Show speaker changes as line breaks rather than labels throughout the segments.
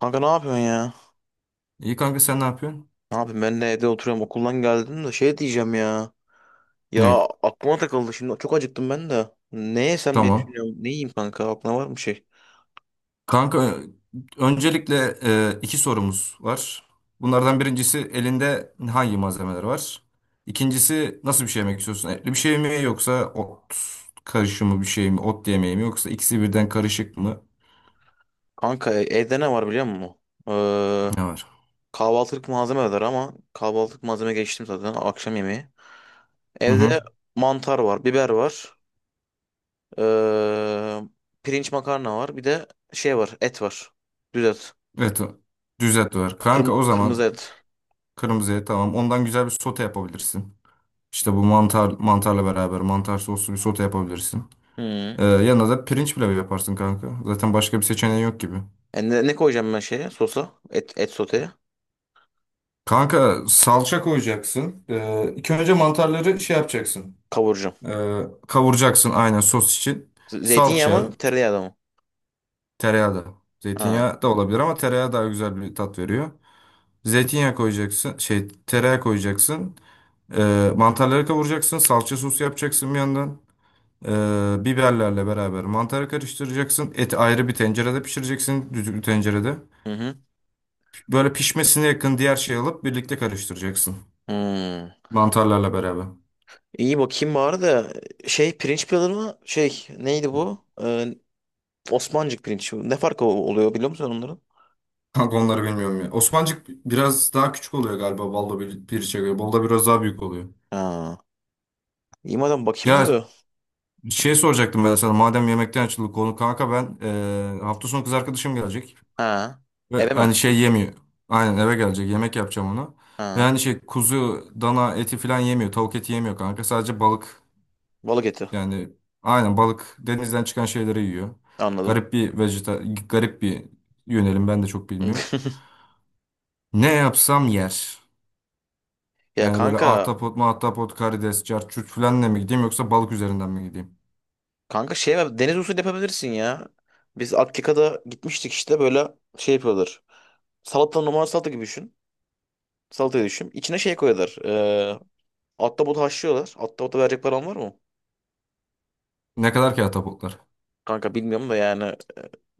Kanka ne yapıyorsun ya?
İyi kanka sen ne yapıyorsun?
Ne yapayım, ben de evde oturuyorum, okuldan geldim de şey diyeceğim ya. Ya,
Ney?
aklıma takıldı şimdi, çok acıktım ben de. Ne yesem diye
Tamam.
düşünüyorum. Ne yiyeyim kanka, aklına var mı şey?
Kanka öncelikle iki sorumuz var. Bunlardan birincisi elinde hangi malzemeler var? İkincisi nasıl bir şey yemek istiyorsun? Etli bir şey mi yoksa ot karışımı bir şey mi? Ot yemeği mi yoksa ikisi birden karışık mı?
Kanka, evde ne var biliyor musun? Ee,
Ne var?
kahvaltılık malzeme var ama kahvaltılık malzeme geçtim zaten, akşam yemeği.
Hı
Evde
hı.
mantar var, biber var. ee, pirinç makarna var. Bir de şey var, et var. Düz et.
Evet. Düzelt var. Kanka o
Kırmızı
zaman
et.
kırmızı et tamam. Ondan güzel bir sote yapabilirsin. İşte bu mantarla beraber mantar soslu bir sote yapabilirsin.
Hı.
Yanına da pirinç pilavı yaparsın kanka. Zaten başka bir seçeneği yok gibi.
E, ne koyacağım ben şeye, sosa? Et soteye.
Kanka salça koyacaksın. İlk önce mantarları şey yapacaksın.
Kavuracağım.
Ee, kavuracaksın aynen sos için.
Zeytinyağı
Salça,
mı? Tereyağı da mı?
tereyağı da.
Ha.
Zeytinyağı da olabilir ama tereyağı daha güzel bir tat veriyor. Zeytinyağı koyacaksın. Şey tereyağı koyacaksın. Mantarları kavuracaksın. Salça sosu yapacaksın bir yandan. Biberlerle beraber mantarı karıştıracaksın. Eti ayrı bir tencerede pişireceksin. Düdüklü tencerede.
Hı hı.
Böyle pişmesine yakın diğer şeyi alıp birlikte karıştıracaksın.
Hmm.
Mantarlarla beraber.
İyi, bakayım bari de şey, pirinç pilalı mı? Şey neydi bu? Osmancık pirinç. Ne farkı oluyor biliyor musun onların?
Kanka onları bilmiyorum ya. Osmancık biraz daha küçük oluyor galiba balda bir, piriçe göre. Balda biraz daha büyük oluyor.
Ha. İyi madem, bakayım da
Ya
bu.
şey soracaktım ben sana. Madem yemekten açıldı konu kanka ben hafta sonu kız arkadaşım gelecek.
Ha.
Ve
Eve mi?
hani şey yemiyor. Aynen eve gelecek. Yemek yapacağım ona. Ve
Ha.
hani şey kuzu, dana eti falan yemiyor. Tavuk eti yemiyor kanka. Sadece balık.
Balık eti.
Yani aynen balık denizden çıkan şeyleri yiyor.
Anladım.
Garip bir garip bir yönelim ben de çok bilmiyorum. Ne yapsam yer.
Ya
Yani böyle
kanka,
ahtapot, mahtapot, karides, carçurt falanla mı gideyim yoksa balık üzerinden mi gideyim?
deniz usulü yapabilirsin ya. Biz Akika'da gitmiştik, işte böyle şey yapıyorlar. Salata, normal salata gibi düşün. Salatayı düşün. İçine şey koyuyorlar. Ahtapot haşlıyorlar. Ahtapota verecek param var mı?
Ne kadar ki ahtapotlar?
Kanka bilmiyorum da, yani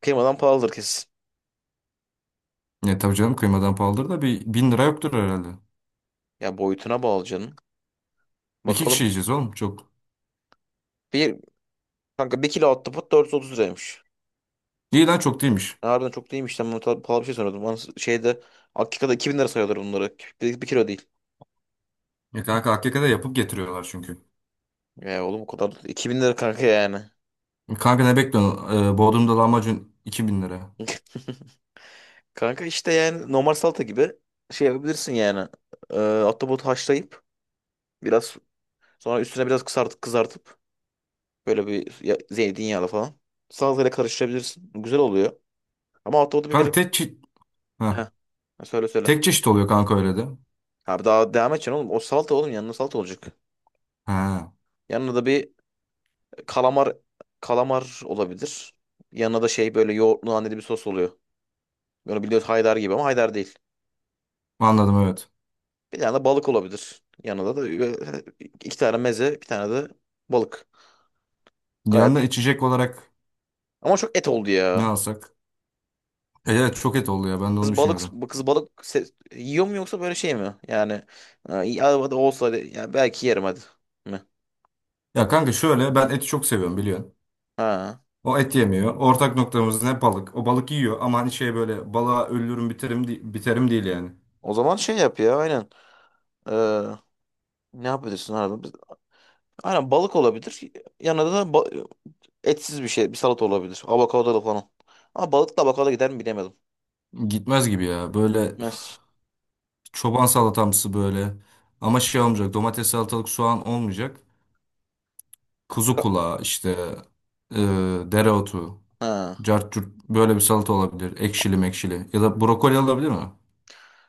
kıymadan pahalıdır kesin.
Ne tabii canım kıymadan pahalıdır da bir 1.000 lira yoktur herhalde.
Ya boyutuna bağlı canım.
İki kişi
Bakalım.
yiyeceğiz oğlum çok.
Bir, kanka bir kilo ahtapot 430 liraymış.
İyi lan çok değilmiş.
Ya harbiden çok değilmiş. Ben bunu pahalı bir şey sanıyordum. Bana şeyde, Akika'da 2.000 lira sayıyorlar bunları. Bir kilo değil.
Ya kanka hakikaten yapıp getiriyorlar çünkü.
Ya oğlum, o kadar. 2.000 lira kanka yani.
E kanka ne bekliyorsun? Bodrum'da lahmacun 2.000 lira.
Kanka işte yani normal salata gibi şey yapabilirsin yani. Ahtapot haşlayıp biraz sonra üstüne biraz kızartıp böyle bir zeytinyağlı falan. Salatayla karıştırabilirsin. Güzel oluyor. Ama altta o da bir
Kanka
biraz...
tek çeşit...
Heh.
Ha.
Ha, söyle söyle.
Tek çeşit oluyor kanka öyle de.
Abi daha devam edeceksin oğlum. O salata oğlum, yanına salata olacak.
Ha.
Yanına da bir kalamar kalamar olabilir. Yanına da şey, böyle yoğurtlu naneli bir sos oluyor. Böyle biliyoruz, haydar gibi ama haydar değil.
Anladım, evet.
Bir tane de balık olabilir. Yanında da böyle iki tane meze, bir tane de balık. Gayet.
Yanına içecek olarak
Ama çok et oldu
ne
ya.
alsak? Evet, çok et oldu ya, ben de onu
Kız balık
düşünüyordum.
kız balık se- yiyor mu, yoksa böyle şey mi? Yani ya hadi olsa hadi, ya belki yerim, hadi mi?
Ya kanka şöyle, ben eti çok seviyorum biliyorsun.
Ha.
O et yemiyor. Ortak noktamız ne, balık. O balık yiyor ama hani şey böyle balığa ölürüm biterim, biterim değil yani.
O zaman şey yap ya, aynen. Ee, ne yapabilirsin abi? Aynen balık olabilir. Yanında da etsiz bir şey, bir salata olabilir. Avokadolu falan. Ama balıkla avokado gider mi bilemedim.
Gitmez gibi ya. Böyle üf,
Gitmez.
çoban salatamsı böyle. Ama şey olmayacak, domates salatalık soğan olmayacak. Kuzu
Ka-
kulağı işte e, dereotu.
Ha.
Cart curt böyle bir salata olabilir. Ekşili mekşili. Ya da brokoli olabilir mi?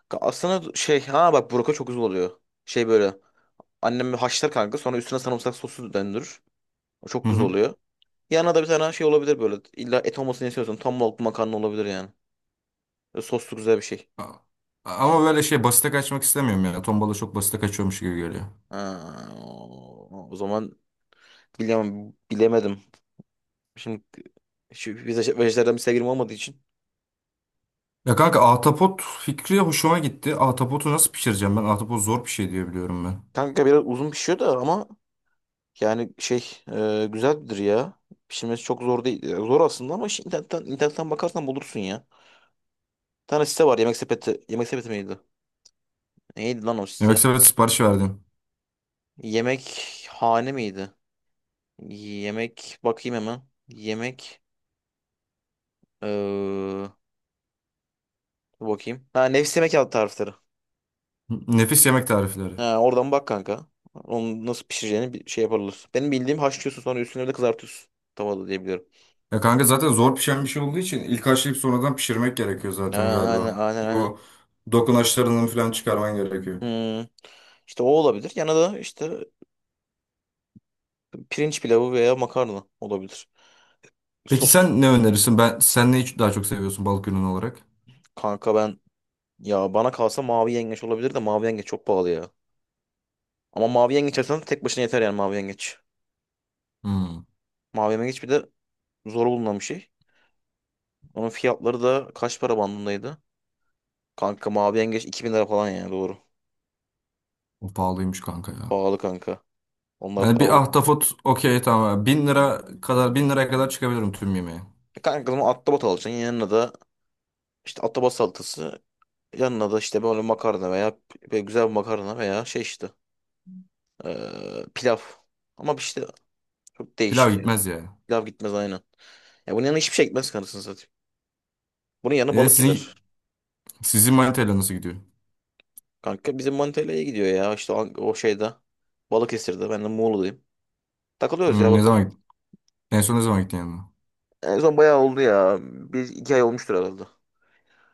Aslında şey, ha bak buraka çok güzel oluyor. Şey böyle, annem haşlar kanka, sonra üstüne sarımsak sosu döndürür. O çok
Hı
güzel
hı.
oluyor. Yanına da bir tane şey olabilir böyle. İlla et olmasını istiyorsun. Tam balıklı makarna olabilir yani. Böyle soslu güzel bir şey.
A- Ama böyle şey basite kaçmak istemiyorum ya. Tombala çok basite kaçıyormuş gibi geliyor.
Ha, o zaman bilemem, bilemedim. Şimdi şu vejetaryen bir sevgilim olmadığı için.
Ya kanka ahtapot fikri hoşuma gitti. Ahtapotu nasıl pişireceğim ben? Ahtapot zor bir şey diye biliyorum ben.
Kanka biraz uzun pişiyor da ama yani şey, güzeldir ya. Pişirmesi çok zor değil. E, zor aslında ama şimdi internetten bakarsan bulursun ya. Bir tane site var, yemek sepeti. Yemek sepeti miydi? Neydi lan o site?
Yemekse ben sipariş verdim.
Yemek hane miydi? Yemek, bakayım hemen. Yemek, Ee, dur bakayım. Ha, nefis yemek yaptı tarifleri.
Nefis yemek tarifleri.
Ha, oradan bak kanka. Onu nasıl pişireceğini bir şey yaparlar. Benim bildiğim, haşlıyorsun sonra üstüne de kızartıyorsun. Tavada diye biliyorum.
Ya kanka zaten zor pişen bir şey olduğu için ilk haşlayıp sonradan pişirmek gerekiyor
Ha,
zaten
aynen
galiba.
aynen aynen.
Bu dokunaçlarını falan çıkarman gerekiyor.
Hmm. İşte o olabilir. Yanına da işte pirinç pilavı veya makarna olabilir.
Peki
Sos.
sen ne önerirsin? Sen neyi daha çok seviyorsun balık ürünü olarak?
Kanka ben, ya bana kalsa mavi yengeç olabilir de mavi yengeç çok pahalı ya. Ama mavi yengeç alsan tek başına yeter, yani mavi yengeç.
Hmm,
Mavi yengeç bir de zor bulunan bir şey. Onun fiyatları da kaç para bandındaydı? Kanka mavi yengeç 2.000 lira falan yani, doğru.
o pahalıymış kanka ya.
Pahalı kanka. Onlar
Yani bir
pahalı.
ahtapot okey tamam. Yani 1.000 liraya kadar çıkabilirim tüm yemeğe.
E kanka, o zaman ahtapot alacaksın. Yanına da işte ahtapot salatası. Yanına da işte böyle makarna veya böyle güzel bir makarna veya şey, işte pilav. Ama işte çok
Pilav
değişik ya.
gitmez ya.
Pilav gitmez aynen. Ya bunun yanına hiçbir şey gitmez, kanısını satayım. Bunun yanına
E
balık gider.
sizin sizin manitayla nasıl gidiyor?
Kanka bizim Manitalya'ya gidiyor ya. İşte o şeyde. Balıkesir'de. Ben de Muğla'dayım. Takılıyoruz ya,
Hmm, ne
bakalım.
zaman gittin? En son ne zaman gittin yanına?
En son bayağı oldu ya. Bir iki ay olmuştur herhalde.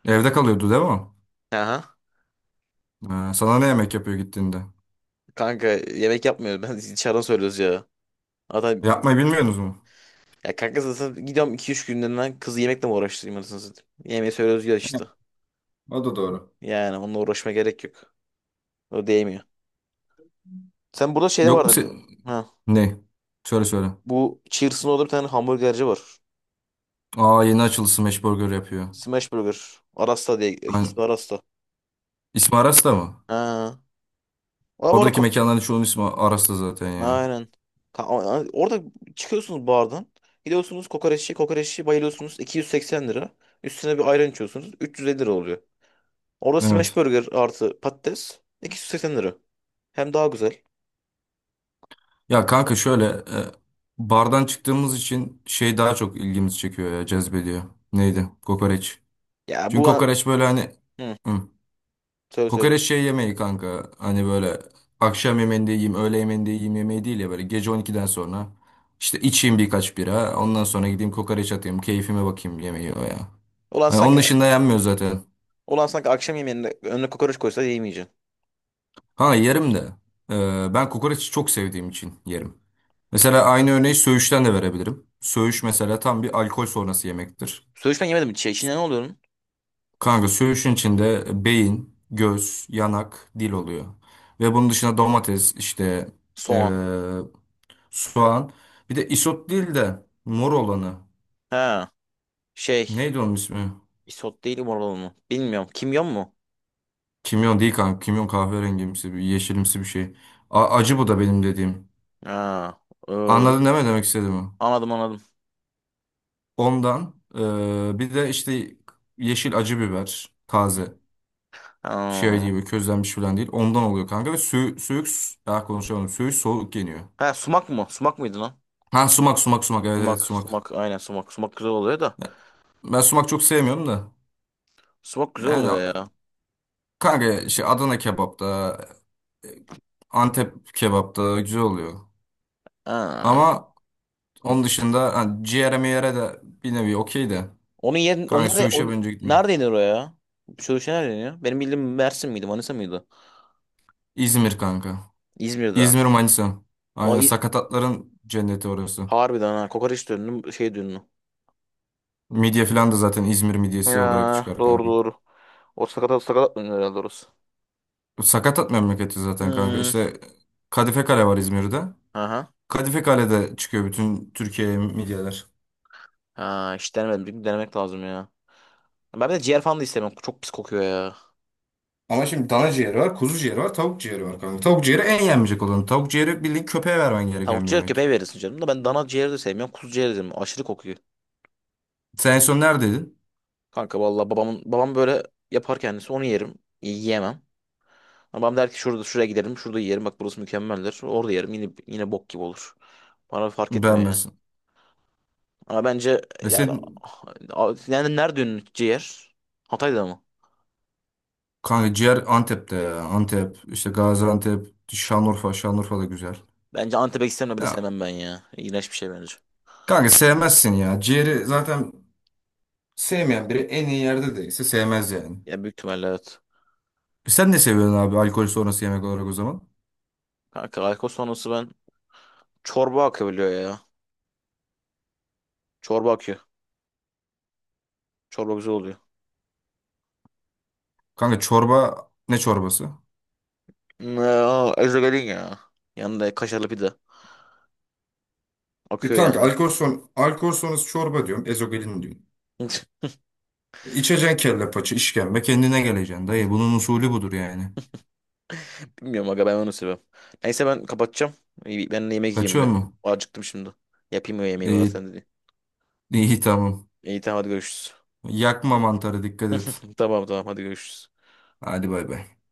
Evde kalıyordu değil mi, o?
Aha.
Ha, sana ne yemek yapıyor gittiğinde?
Kanka yemek yapmıyoruz. Ben dışarıdan söylüyoruz ya. Zaten,
Yapmayı bilmiyorsunuz mu?
ya kanka zaten gidiyorum 2-3 günlerinden, kızı yemekle mi uğraştırayım, anasını satayım. Yemeği söylüyoruz ya işte.
O da doğru.
Yani onunla uğraşma gerek yok. O değmiyor. Sen, burada şeyde
Yok mu
vardı.
sen?
Ha.
Ne? Söyle söyle.
Bu Cheers'ın orada bir tane hamburgerci var.
Aa, yeni açıldı, Smash Burger yapıyor.
Smash Burger. Arasta diye.
Ben...
İsmi Arasta.
İsmi Aras mı?
Ha. Ama orada
Oradaki mekanların çoğunun ismi Aras'ta zaten ya.
aynen. Orada çıkıyorsunuz bardan. Gidiyorsunuz kokoreççi. Kokoreççi bayılıyorsunuz, 280 lira. Üstüne bir ayran içiyorsunuz, 350 lira oluyor. Orada smash
Evet.
burger artı patates 280 lira. Hem daha güzel.
Ya
Hem de fa-
kanka şöyle, bardan çıktığımız için şey daha çok ilgimizi çekiyor ya, cezbediyor. Neydi? Kokoreç.
Ya
Çünkü kokoreç böyle hani
hı,
hı,
söyle söyle.
kokoreç şey yemeği kanka. Hani böyle akşam yemeğinde yiyeyim, öğle yemeğinde yiyeyim yemeği değil ya, böyle gece 12'den sonra işte içeyim birkaç bira, ondan sonra gideyim kokoreç atayım, keyfime bakayım yemeği o ya.
Ulan
Hani onun
sanki
dışında yenmiyor zaten.
Ulan sanki akşam yemeğinde önüne kokoreç koysa yemeyeceksin.
Ha, yerim de. Ben kokoreçi çok sevdiğim için yerim. Mesela aynı örneği söğüşten de verebilirim. Söğüş mesela tam bir alkol sonrası yemektir.
Söğüş ben yemedim. Şey, içinde ne oluyor?
Kanka söğüşün içinde beyin, göz, yanak, dil oluyor. Ve bunun dışında domates, işte eee,
Soğan.
soğan. Bir de isot değil de mor olanı.
Ha. Şey.
Neydi onun ismi?
Isot değil, umurlu mu? Bilmiyorum. Kimyon mu?
Kimyon değil kanka. Kimyon kahverengimsi, bir yeşilimsi bir şey. Acı bu da benim dediğim.
Ha. ee,
Anladın değil mi demek istediğimi?
anladım anladım.
Ondan bir de işte yeşil acı biber taze. Şey
Ha.
gibi közlenmiş falan değil. Ondan oluyor kanka, ve suyuk daha konuşamadım. Söğüş soğuk yeniyor.
Ha, sumak mı? Sumak mıydı lan?
Ha, sumak sumak sumak, evet evet
Sumak.
sumak.
Sumak. Aynen sumak. Sumak güzel oluyor da.
Ya, ben sumak çok sevmiyorum da.
Sumak güzel
Yani
oluyor ya.
kanka şey Adana kebapta, Antep kebapta güzel oluyor.
Ha.
Ama onun dışında hani ciğere miğere de bir nevi okey de.
Onun yerin o
Kanka
nerede o,
söğüşe bence gitmiyor.
nerede iniyor o ya? Şu şey nerede iniyor? Benim bildiğim Mersin miydi, Manisa mıydı?
İzmir kanka.
İzmir'de.
İzmir, Manisa.
O
Aynen,
İ-
sakatatların cenneti orası.
Harbiden ha, kokoreç dönünü, şey dönünü.
Midye falan da zaten İzmir midyesi olarak
Ya
çıkar
doğru
kanka.
doğru. O sakatat sakatat dönüyor herhalde orası.
Sakatat memleketi zaten kanka.
Hmm.
İşte Kadife Kale var İzmir'de.
Aha.
Kadife Kale'de çıkıyor bütün Türkiye'ye midyeler.
Ha, hiç denemedim. Bir denemek lazım ya. Ben bir de ciğer falan da istemem. Çok pis kokuyor ya.
Ama şimdi dana ciğeri var, kuzu ciğeri var, tavuk ciğeri var kanka. Tavuk ciğeri en yenmeyecek olan. Tavuk ciğeri bildiğin köpeğe vermen
Tavuk
gereken bir
ciğer
yemek.
köpeğe verirsin canım da, ben dana ciğeri de sevmiyorum. Kuzu ciğeri de sevmiyorum. Aşırı kokuyor.
Sen en son neredeydin?
Kanka vallahi babamın, babam böyle yapar kendisi, onu yerim. Yiyemem. Babam der ki şurada, şuraya gidelim. Şurada yiyelim. Bak burası mükemmeldir. Orada yerim. Yine yine bok gibi olur. Bana fark etmiyor ya.
Beğenmezsin.
Ama bence
E
yani,
senin
yani nerede ünlü ciğer? Hatay'da mı?
kanka ciğer Antep'te ya. Antep, işte Gaziantep, Şanlıurfa. Şanlıurfa da güzel.
Bence Antep'e gitsem de bile
Ya
sevmem ben ya. İğrenç bir şey bence.
kanka sevmezsin ya. Ciğeri zaten sevmeyen biri en iyi yerde değilse sevmez yani.
Ya büyük ihtimalle evet.
Sen ne seviyorsun abi alkol sonrası yemek olarak o zaman?
Kanka alkol sonrası ben, çorba akabiliyor ya. Çorba akıyor. Çorba güzel oluyor.
Kanka çorba, ne çorbası?
Ya ezogelin ya. Yanında kaşarlı pide.
E
Akıyor
kanka
yani.
alkol sonrası çorba diyorum. Ezogelin diyorum. İçeceksin kelle paça işkembe, kendine geleceksin dayı. Bunun usulü budur yani.
Bilmiyorum aga, ben onu seviyorum. Neyse, ben kapatacağım. İyi, ben de yemek yiyeyim
Kaçıyor
bir.
mu?
Acıktım şimdi. Yapayım o yemeği bari,
İyi,
sen de.
iyi tamam.
İyi tamam, hadi görüşürüz.
Yakma mantarı, dikkat et.
Tamam tamam, hadi görüşürüz.
Hadi bay bay.